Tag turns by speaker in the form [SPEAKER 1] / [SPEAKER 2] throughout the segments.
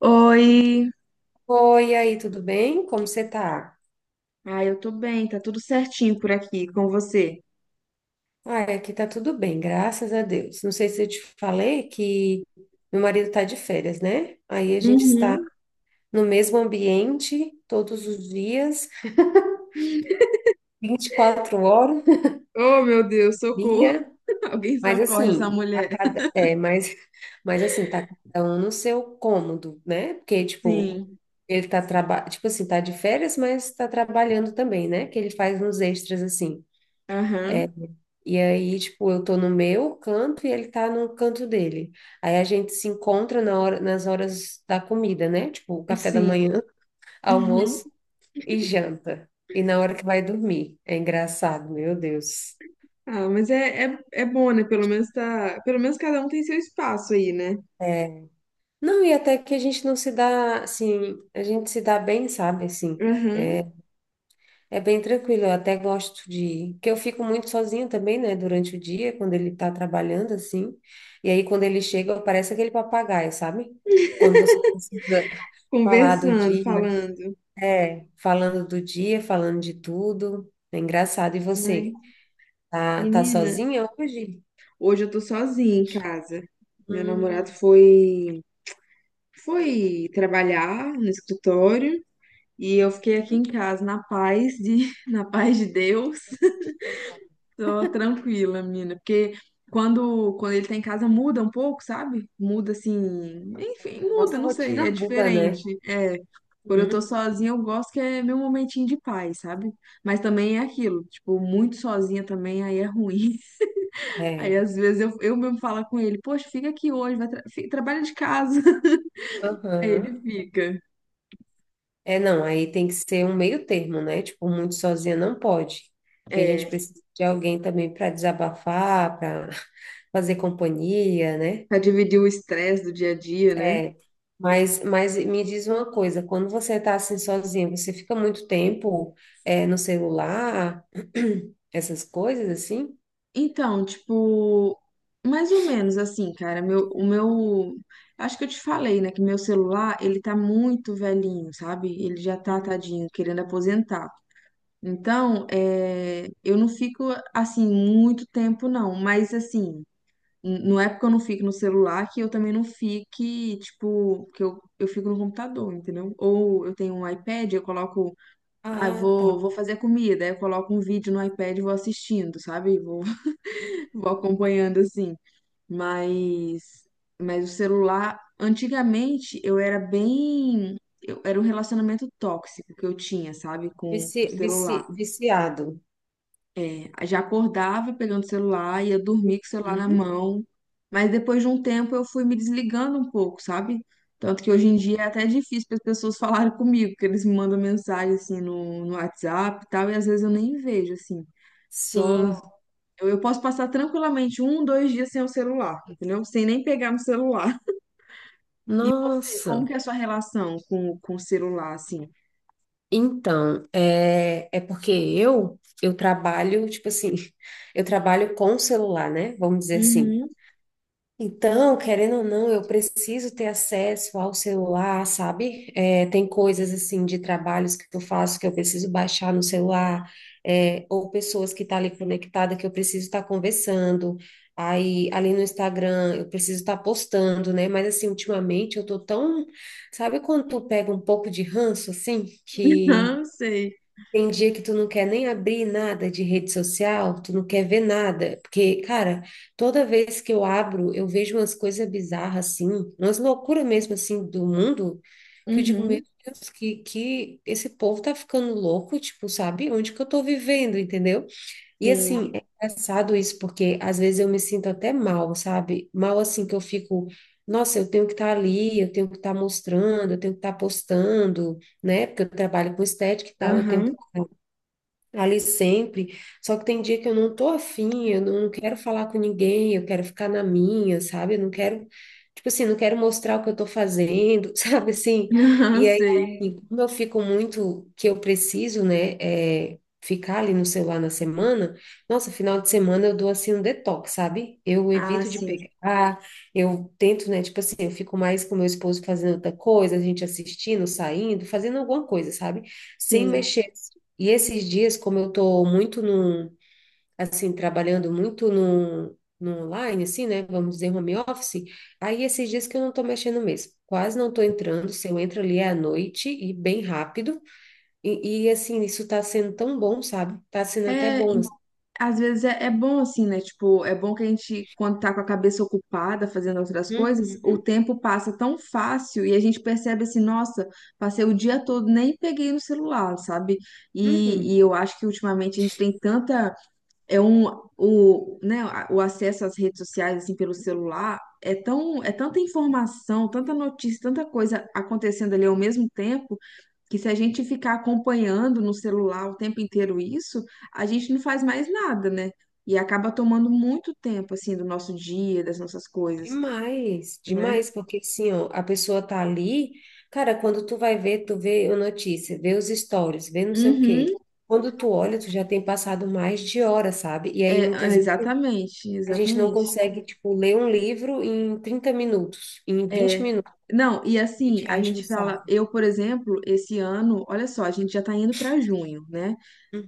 [SPEAKER 1] Oi!
[SPEAKER 2] Oi, e aí, tudo bem? Como você tá?
[SPEAKER 1] Ah, eu tô bem, tá tudo certinho por aqui com você.
[SPEAKER 2] Ah, aqui tá tudo bem, graças a Deus. Não sei se eu te falei que meu marido tá de férias, né? Aí a gente está
[SPEAKER 1] Uhum.
[SPEAKER 2] no mesmo ambiente todos os dias, 24 horas por
[SPEAKER 1] Oh, meu Deus, socorro!
[SPEAKER 2] dia,
[SPEAKER 1] Alguém
[SPEAKER 2] mas
[SPEAKER 1] socorre essa
[SPEAKER 2] assim, a
[SPEAKER 1] mulher.
[SPEAKER 2] cada, é, mas, mas assim, tá cada um no seu cômodo, né? Porque, tipo,
[SPEAKER 1] Sim,
[SPEAKER 2] ele tá trabalhando, tipo assim, tá de férias, mas tá trabalhando também, né? Que ele faz uns extras assim. É.
[SPEAKER 1] aham,
[SPEAKER 2] E aí, tipo, eu tô no meu canto e ele tá no canto dele. Aí a gente se encontra na hora, nas horas da comida, né? Tipo, o café da
[SPEAKER 1] sim.
[SPEAKER 2] manhã,
[SPEAKER 1] Uhum.
[SPEAKER 2] almoço e janta. E na hora que vai dormir. É engraçado, meu Deus.
[SPEAKER 1] Ah, mas é bom, né? Pelo menos tá. Pelo menos cada um tem seu espaço aí, né?
[SPEAKER 2] É. Não, e até que a gente não se dá, assim, a gente se dá bem, sabe, assim.
[SPEAKER 1] Aham.
[SPEAKER 2] É bem tranquilo, eu até gosto de que eu fico muito sozinha também, né, durante o dia, quando ele tá trabalhando, assim. E aí, quando ele chega, parece aquele papagaio, sabe? Quando você precisa falar do
[SPEAKER 1] Conversando,
[SPEAKER 2] dia,
[SPEAKER 1] falando.
[SPEAKER 2] é, falando do dia, falando de tudo. É engraçado. E
[SPEAKER 1] Mas,
[SPEAKER 2] você, tá, tá
[SPEAKER 1] menina,
[SPEAKER 2] sozinha hoje?
[SPEAKER 1] hoje eu tô sozinha em casa. Meu namorado
[SPEAKER 2] Hum,
[SPEAKER 1] foi, foi trabalhar no escritório. E eu fiquei aqui
[SPEAKER 2] uhum.
[SPEAKER 1] em casa na paz de Deus.
[SPEAKER 2] Eu-
[SPEAKER 1] Tô tranquila, menina, porque quando ele tá em casa muda um pouco, sabe? Muda assim, enfim,
[SPEAKER 2] A
[SPEAKER 1] muda,
[SPEAKER 2] nossa
[SPEAKER 1] não sei,
[SPEAKER 2] rotina
[SPEAKER 1] é
[SPEAKER 2] muda, né?
[SPEAKER 1] diferente. É, quando eu tô
[SPEAKER 2] Hum,
[SPEAKER 1] sozinha, eu gosto que é meu momentinho de paz, sabe? Mas também é aquilo, tipo, muito sozinha também aí é ruim. Aí
[SPEAKER 2] é.
[SPEAKER 1] às vezes eu mesmo falo com ele, poxa, fica aqui hoje, trabalha de casa. Aí ele
[SPEAKER 2] Aham.
[SPEAKER 1] fica.
[SPEAKER 2] É, não, aí tem que ser um meio termo, né? Tipo, muito sozinha não pode. Porque a gente
[SPEAKER 1] É,
[SPEAKER 2] precisa de alguém também para desabafar, para fazer companhia, né?
[SPEAKER 1] pra dividir o estresse do dia a dia, né?
[SPEAKER 2] Mas me diz uma coisa, quando você está assim sozinha, você fica muito tempo no celular, essas coisas assim?
[SPEAKER 1] Então, tipo, mais ou menos assim, cara, acho que eu te falei, né, que meu celular, ele tá muito velhinho, sabe? Ele já tá,
[SPEAKER 2] Uhum.
[SPEAKER 1] tadinho, querendo aposentar. Então, é, eu não fico, assim, muito tempo, não, mas, assim, não é porque eu não fico no celular que eu também não fique, tipo, eu fico no computador, entendeu? Ou eu tenho um iPad, eu coloco, ah,
[SPEAKER 2] Ah, tá.
[SPEAKER 1] vou fazer comida, aí eu coloco um vídeo no iPad e vou assistindo, sabe? Vou
[SPEAKER 2] Uhum.
[SPEAKER 1] acompanhando assim, mas mas o celular, antigamente eu era bem, eu, era um relacionamento tóxico que eu tinha, sabe, com o celular.
[SPEAKER 2] Viciado.
[SPEAKER 1] É, já acordava pegando o celular, ia dormir com o celular na
[SPEAKER 2] Uhum.
[SPEAKER 1] mão, mas depois de um tempo eu fui me desligando um pouco, sabe? Tanto que hoje em
[SPEAKER 2] Uhum.
[SPEAKER 1] dia é até difícil para as pessoas falarem comigo, porque eles me mandam mensagem assim no WhatsApp e tal, e às vezes eu nem vejo assim. Só
[SPEAKER 2] Sim,
[SPEAKER 1] eu posso passar tranquilamente um, dois dias sem o celular, entendeu? Sem nem pegar no celular. E você, como
[SPEAKER 2] nossa.
[SPEAKER 1] que é a sua relação com o celular, assim?
[SPEAKER 2] Então, é, é porque eu trabalho, tipo assim, eu trabalho com o celular, né? Vamos dizer assim.
[SPEAKER 1] Uhum.
[SPEAKER 2] Então, querendo ou não, eu preciso ter acesso ao celular, sabe? É, tem coisas assim de trabalhos que eu faço que eu preciso baixar no celular, é, ou pessoas que estão ali conectadas que eu preciso estar conversando. Aí, ali no Instagram, eu preciso estar postando, né? Mas assim, ultimamente eu tô tão, sabe quando tu pega um pouco de ranço assim, que
[SPEAKER 1] Aham, sei.
[SPEAKER 2] tem dia que tu não quer nem abrir nada de rede social, tu não quer ver nada, porque, cara, toda vez que eu abro, eu vejo umas coisas bizarras assim, umas loucuras mesmo assim do mundo, que eu digo, meu
[SPEAKER 1] Uhum,
[SPEAKER 2] Deus, que esse povo tá ficando louco, tipo, sabe? Onde que eu tô vivendo, entendeu? E
[SPEAKER 1] sim.
[SPEAKER 2] assim, é engraçado isso, porque às vezes eu me sinto até mal, sabe? Mal assim que eu fico, nossa, eu tenho que estar ali, eu tenho que estar mostrando, eu tenho que estar postando, né? Porque eu trabalho com estética e tal, eu tenho que
[SPEAKER 1] Aham.
[SPEAKER 2] ali sempre. Só que tem dia que eu não tô afim, eu não quero falar com ninguém, eu quero ficar na minha, sabe? Eu não quero, tipo assim, não quero mostrar o que eu tô fazendo, sabe assim?
[SPEAKER 1] Aham,
[SPEAKER 2] E aí,
[SPEAKER 1] sei.
[SPEAKER 2] e como eu fico muito, que eu preciso, né, é, ficar ali no celular na semana, nossa, final de semana eu dou assim um detox, sabe? Eu
[SPEAKER 1] Ah,
[SPEAKER 2] evito de
[SPEAKER 1] sim,
[SPEAKER 2] pegar, eu tento, né, tipo assim, eu fico mais com meu esposo fazendo outra coisa, a gente assistindo, saindo, fazendo alguma coisa, sabe? Sem
[SPEAKER 1] sim.
[SPEAKER 2] mexer. E esses dias, como eu estou muito no, assim, trabalhando muito no, no online, assim, né? Vamos dizer home office, aí esses dias que eu não estou mexendo mesmo. Quase não estou entrando, se eu entro ali é à noite e bem rápido. E, assim, isso está sendo tão bom, sabe? Está sendo até
[SPEAKER 1] É,
[SPEAKER 2] bom assim.
[SPEAKER 1] às vezes é, é bom assim, né? Tipo, é bom que a gente, quando tá com a cabeça ocupada fazendo outras coisas, o
[SPEAKER 2] Uhum,
[SPEAKER 1] tempo passa tão fácil e a gente percebe assim, nossa, passei o dia todo, nem peguei no celular, sabe? E
[SPEAKER 2] uhum.
[SPEAKER 1] eu acho que ultimamente a gente tem tanta, é um, o, né, o acesso às redes sociais, assim, pelo celular, é tão, é tanta informação, tanta notícia, tanta coisa acontecendo ali ao mesmo tempo, que se a gente ficar acompanhando no celular o tempo inteiro isso, a gente não faz mais nada, né? E acaba tomando muito tempo, assim, do nosso dia, das nossas coisas,
[SPEAKER 2] Demais,
[SPEAKER 1] né?
[SPEAKER 2] demais, porque assim, ó, a pessoa tá ali, cara, quando tu vai ver, tu vê a notícia, vê os stories, vê não sei o quê.
[SPEAKER 1] Uhum,
[SPEAKER 2] Quando tu olha, tu já tem passado mais de hora, sabe? E aí
[SPEAKER 1] é, é,
[SPEAKER 2] muitas
[SPEAKER 1] exatamente,
[SPEAKER 2] a gente não
[SPEAKER 1] exatamente.
[SPEAKER 2] consegue, tipo, ler um livro em 30 minutos, em vinte
[SPEAKER 1] É,
[SPEAKER 2] minutos,
[SPEAKER 1] não, e
[SPEAKER 2] a
[SPEAKER 1] assim,
[SPEAKER 2] gente
[SPEAKER 1] a
[SPEAKER 2] acha um
[SPEAKER 1] gente fala,
[SPEAKER 2] saco.
[SPEAKER 1] eu, por exemplo, esse ano, olha só, a gente já tá indo para junho, né?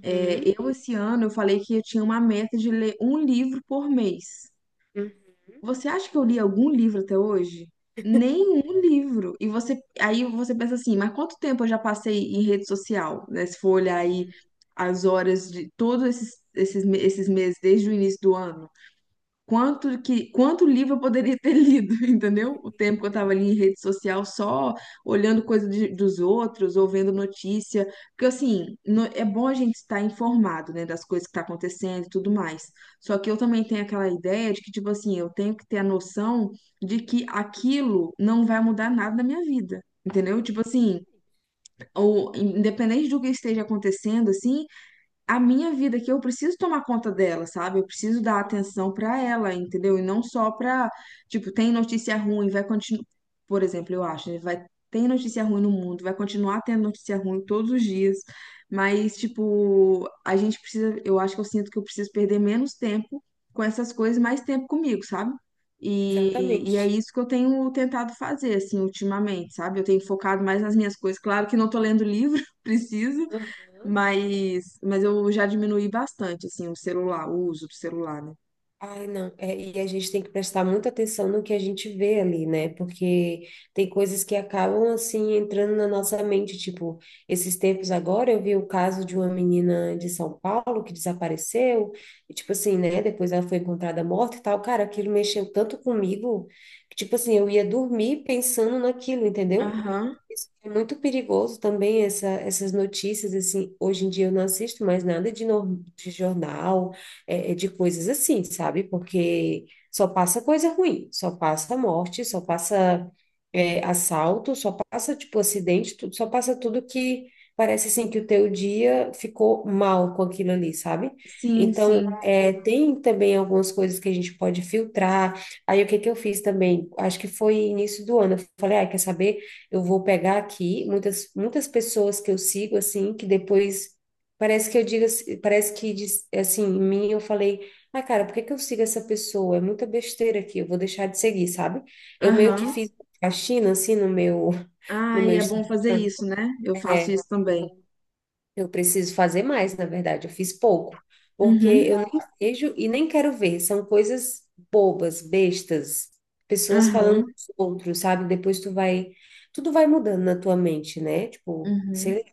[SPEAKER 1] É, eu, esse ano, eu falei que eu tinha uma meta de ler um livro por mês.
[SPEAKER 2] uhum.
[SPEAKER 1] Você acha que eu li algum livro até hoje? Nenhum livro. E você, aí você pensa assim, mas quanto tempo eu já passei em rede social, né? Se for olhar aí as horas de todos esses meses, desde o início do ano quanto livro eu poderia ter lido, entendeu? O tempo que eu estava ali em rede social só olhando dos outros ou vendo notícia, porque assim, é bom a gente estar informado, né, das coisas que tá acontecendo e tudo mais. Só que eu também tenho aquela ideia de que tipo assim, eu tenho que ter a noção de que aquilo não vai mudar nada na minha vida. Entendeu? Tipo assim, ou independente do que esteja acontecendo, assim, a minha vida que eu preciso tomar conta dela, sabe? Eu preciso dar atenção pra ela, entendeu? E não só pra, tipo, tem notícia ruim, vai continuar, por exemplo, eu acho, né? vai Tem notícia ruim no mundo, vai continuar tendo notícia ruim todos os dias, mas tipo, eu acho que eu sinto que eu preciso perder menos tempo com essas coisas, mais tempo comigo, sabe? E,
[SPEAKER 2] Exatamente.
[SPEAKER 1] e é
[SPEAKER 2] Exatamente.
[SPEAKER 1] isso que eu tenho tentado fazer, assim, ultimamente, sabe? Eu tenho focado mais nas minhas coisas. Claro que não tô lendo livro, preciso,
[SPEAKER 2] Aham.
[SPEAKER 1] mas eu já diminuí bastante, assim, o celular, o uso do celular, né?
[SPEAKER 2] Ai, não. É, e a gente tem que prestar muita atenção no que a gente vê ali, né? Porque tem coisas que acabam, assim, entrando na nossa mente. Tipo, esses tempos agora eu vi o caso de uma menina de São Paulo que desapareceu. E, tipo assim, né? Depois ela foi encontrada morta e tal. Cara, aquilo mexeu tanto comigo que, tipo assim, eu ia dormir pensando naquilo, entendeu?
[SPEAKER 1] Aham,
[SPEAKER 2] Isso é muito perigoso também, essas notícias, assim, hoje em dia eu não assisto mais nada de, de jornal, é, é, de coisas assim, sabe? Porque só passa coisa ruim, só passa morte, só passa é, assalto, só passa, tipo, acidente, tudo, só passa tudo que parece, assim, que o teu dia ficou mal com aquilo ali, sabe?
[SPEAKER 1] sim,
[SPEAKER 2] Então,
[SPEAKER 1] sim.
[SPEAKER 2] é, tem também algumas coisas que a gente pode filtrar. Aí, o que que eu fiz também? Acho que foi início do ano, eu falei, ah, quer saber? Eu vou pegar aqui muitas pessoas que eu sigo assim que depois parece que eu digo assim assim em mim, eu falei, ah, cara, por que que eu sigo essa pessoa, é muita besteira aqui, eu vou deixar de seguir, sabe? Eu meio que
[SPEAKER 1] Aham.
[SPEAKER 2] fiz a China assim no meu no
[SPEAKER 1] Ai,
[SPEAKER 2] meu
[SPEAKER 1] é bom
[SPEAKER 2] Instagram.
[SPEAKER 1] fazer isso, né? Eu faço isso
[SPEAKER 2] É,
[SPEAKER 1] também.
[SPEAKER 2] eu preciso fazer mais, na verdade. Eu fiz pouco, porque
[SPEAKER 1] Uhum,
[SPEAKER 2] eu nem vejo e nem quero ver. São coisas bobas, bestas, pessoas falando
[SPEAKER 1] aham,
[SPEAKER 2] dos outros, sabe? Depois tu vai, tudo vai mudando na tua mente, né? Tipo,
[SPEAKER 1] uhum.
[SPEAKER 2] sei lá,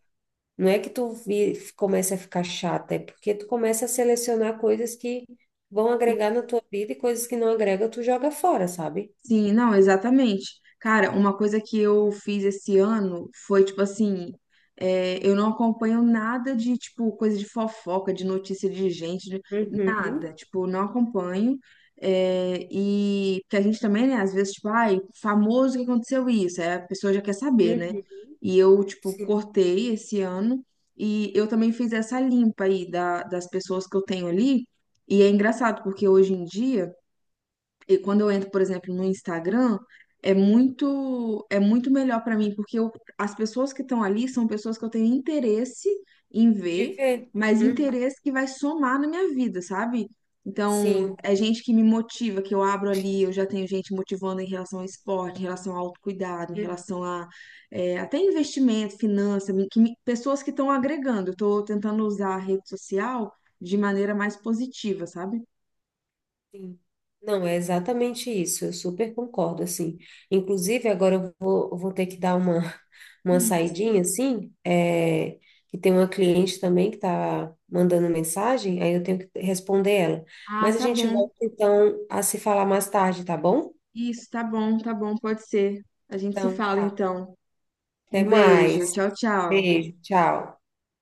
[SPEAKER 2] não é que tu vi, começa a ficar chata, é porque tu começa a selecionar coisas que vão agregar na tua vida e coisas que não agrega, tu joga fora, sabe?
[SPEAKER 1] Sim, não, exatamente. Cara, uma coisa que eu fiz esse ano foi, tipo assim, é, eu não acompanho nada de, tipo, coisa de fofoca, de notícia de gente, de- nada.
[SPEAKER 2] Uhum,
[SPEAKER 1] Tipo, não acompanho. É, e porque a gente também, né, às vezes, tipo, ai, famoso que aconteceu isso, aí a pessoa já quer saber, né?
[SPEAKER 2] uhum,
[SPEAKER 1] E eu, tipo,
[SPEAKER 2] sim.
[SPEAKER 1] cortei esse ano e eu também fiz essa limpa aí das pessoas que eu tenho ali. E é engraçado, porque hoje em dia. E quando eu entro, por exemplo, no Instagram, é muito melhor para mim, porque as pessoas que estão ali são pessoas que eu tenho interesse em
[SPEAKER 2] De
[SPEAKER 1] ver,
[SPEAKER 2] ver.
[SPEAKER 1] mas
[SPEAKER 2] Uhum,
[SPEAKER 1] interesse que vai somar na minha vida, sabe? Então,
[SPEAKER 2] sim.
[SPEAKER 1] é gente que me motiva, que eu abro ali, eu já tenho gente motivando em relação ao esporte, em relação ao autocuidado, em
[SPEAKER 2] Uhum.
[SPEAKER 1] relação a é, até investimento, finança, pessoas que estão agregando. Eu estou tentando usar a rede social de maneira mais positiva, sabe?
[SPEAKER 2] Sim. Não, é exatamente isso, eu super concordo, assim. Inclusive, agora eu vou ter que dar uma, uma
[SPEAKER 1] Hum.
[SPEAKER 2] saidinha, assim, é, que tem uma cliente também que está mandando mensagem, aí eu tenho que responder ela.
[SPEAKER 1] Ah,
[SPEAKER 2] Mas a
[SPEAKER 1] tá
[SPEAKER 2] gente
[SPEAKER 1] bom.
[SPEAKER 2] volta, então, a se falar mais tarde, tá bom?
[SPEAKER 1] Isso, tá bom, pode ser. A gente se
[SPEAKER 2] Então,
[SPEAKER 1] fala
[SPEAKER 2] tá.
[SPEAKER 1] então.
[SPEAKER 2] Até
[SPEAKER 1] Um beijo,
[SPEAKER 2] mais.
[SPEAKER 1] tchau, tchau.
[SPEAKER 2] Beijo, tchau.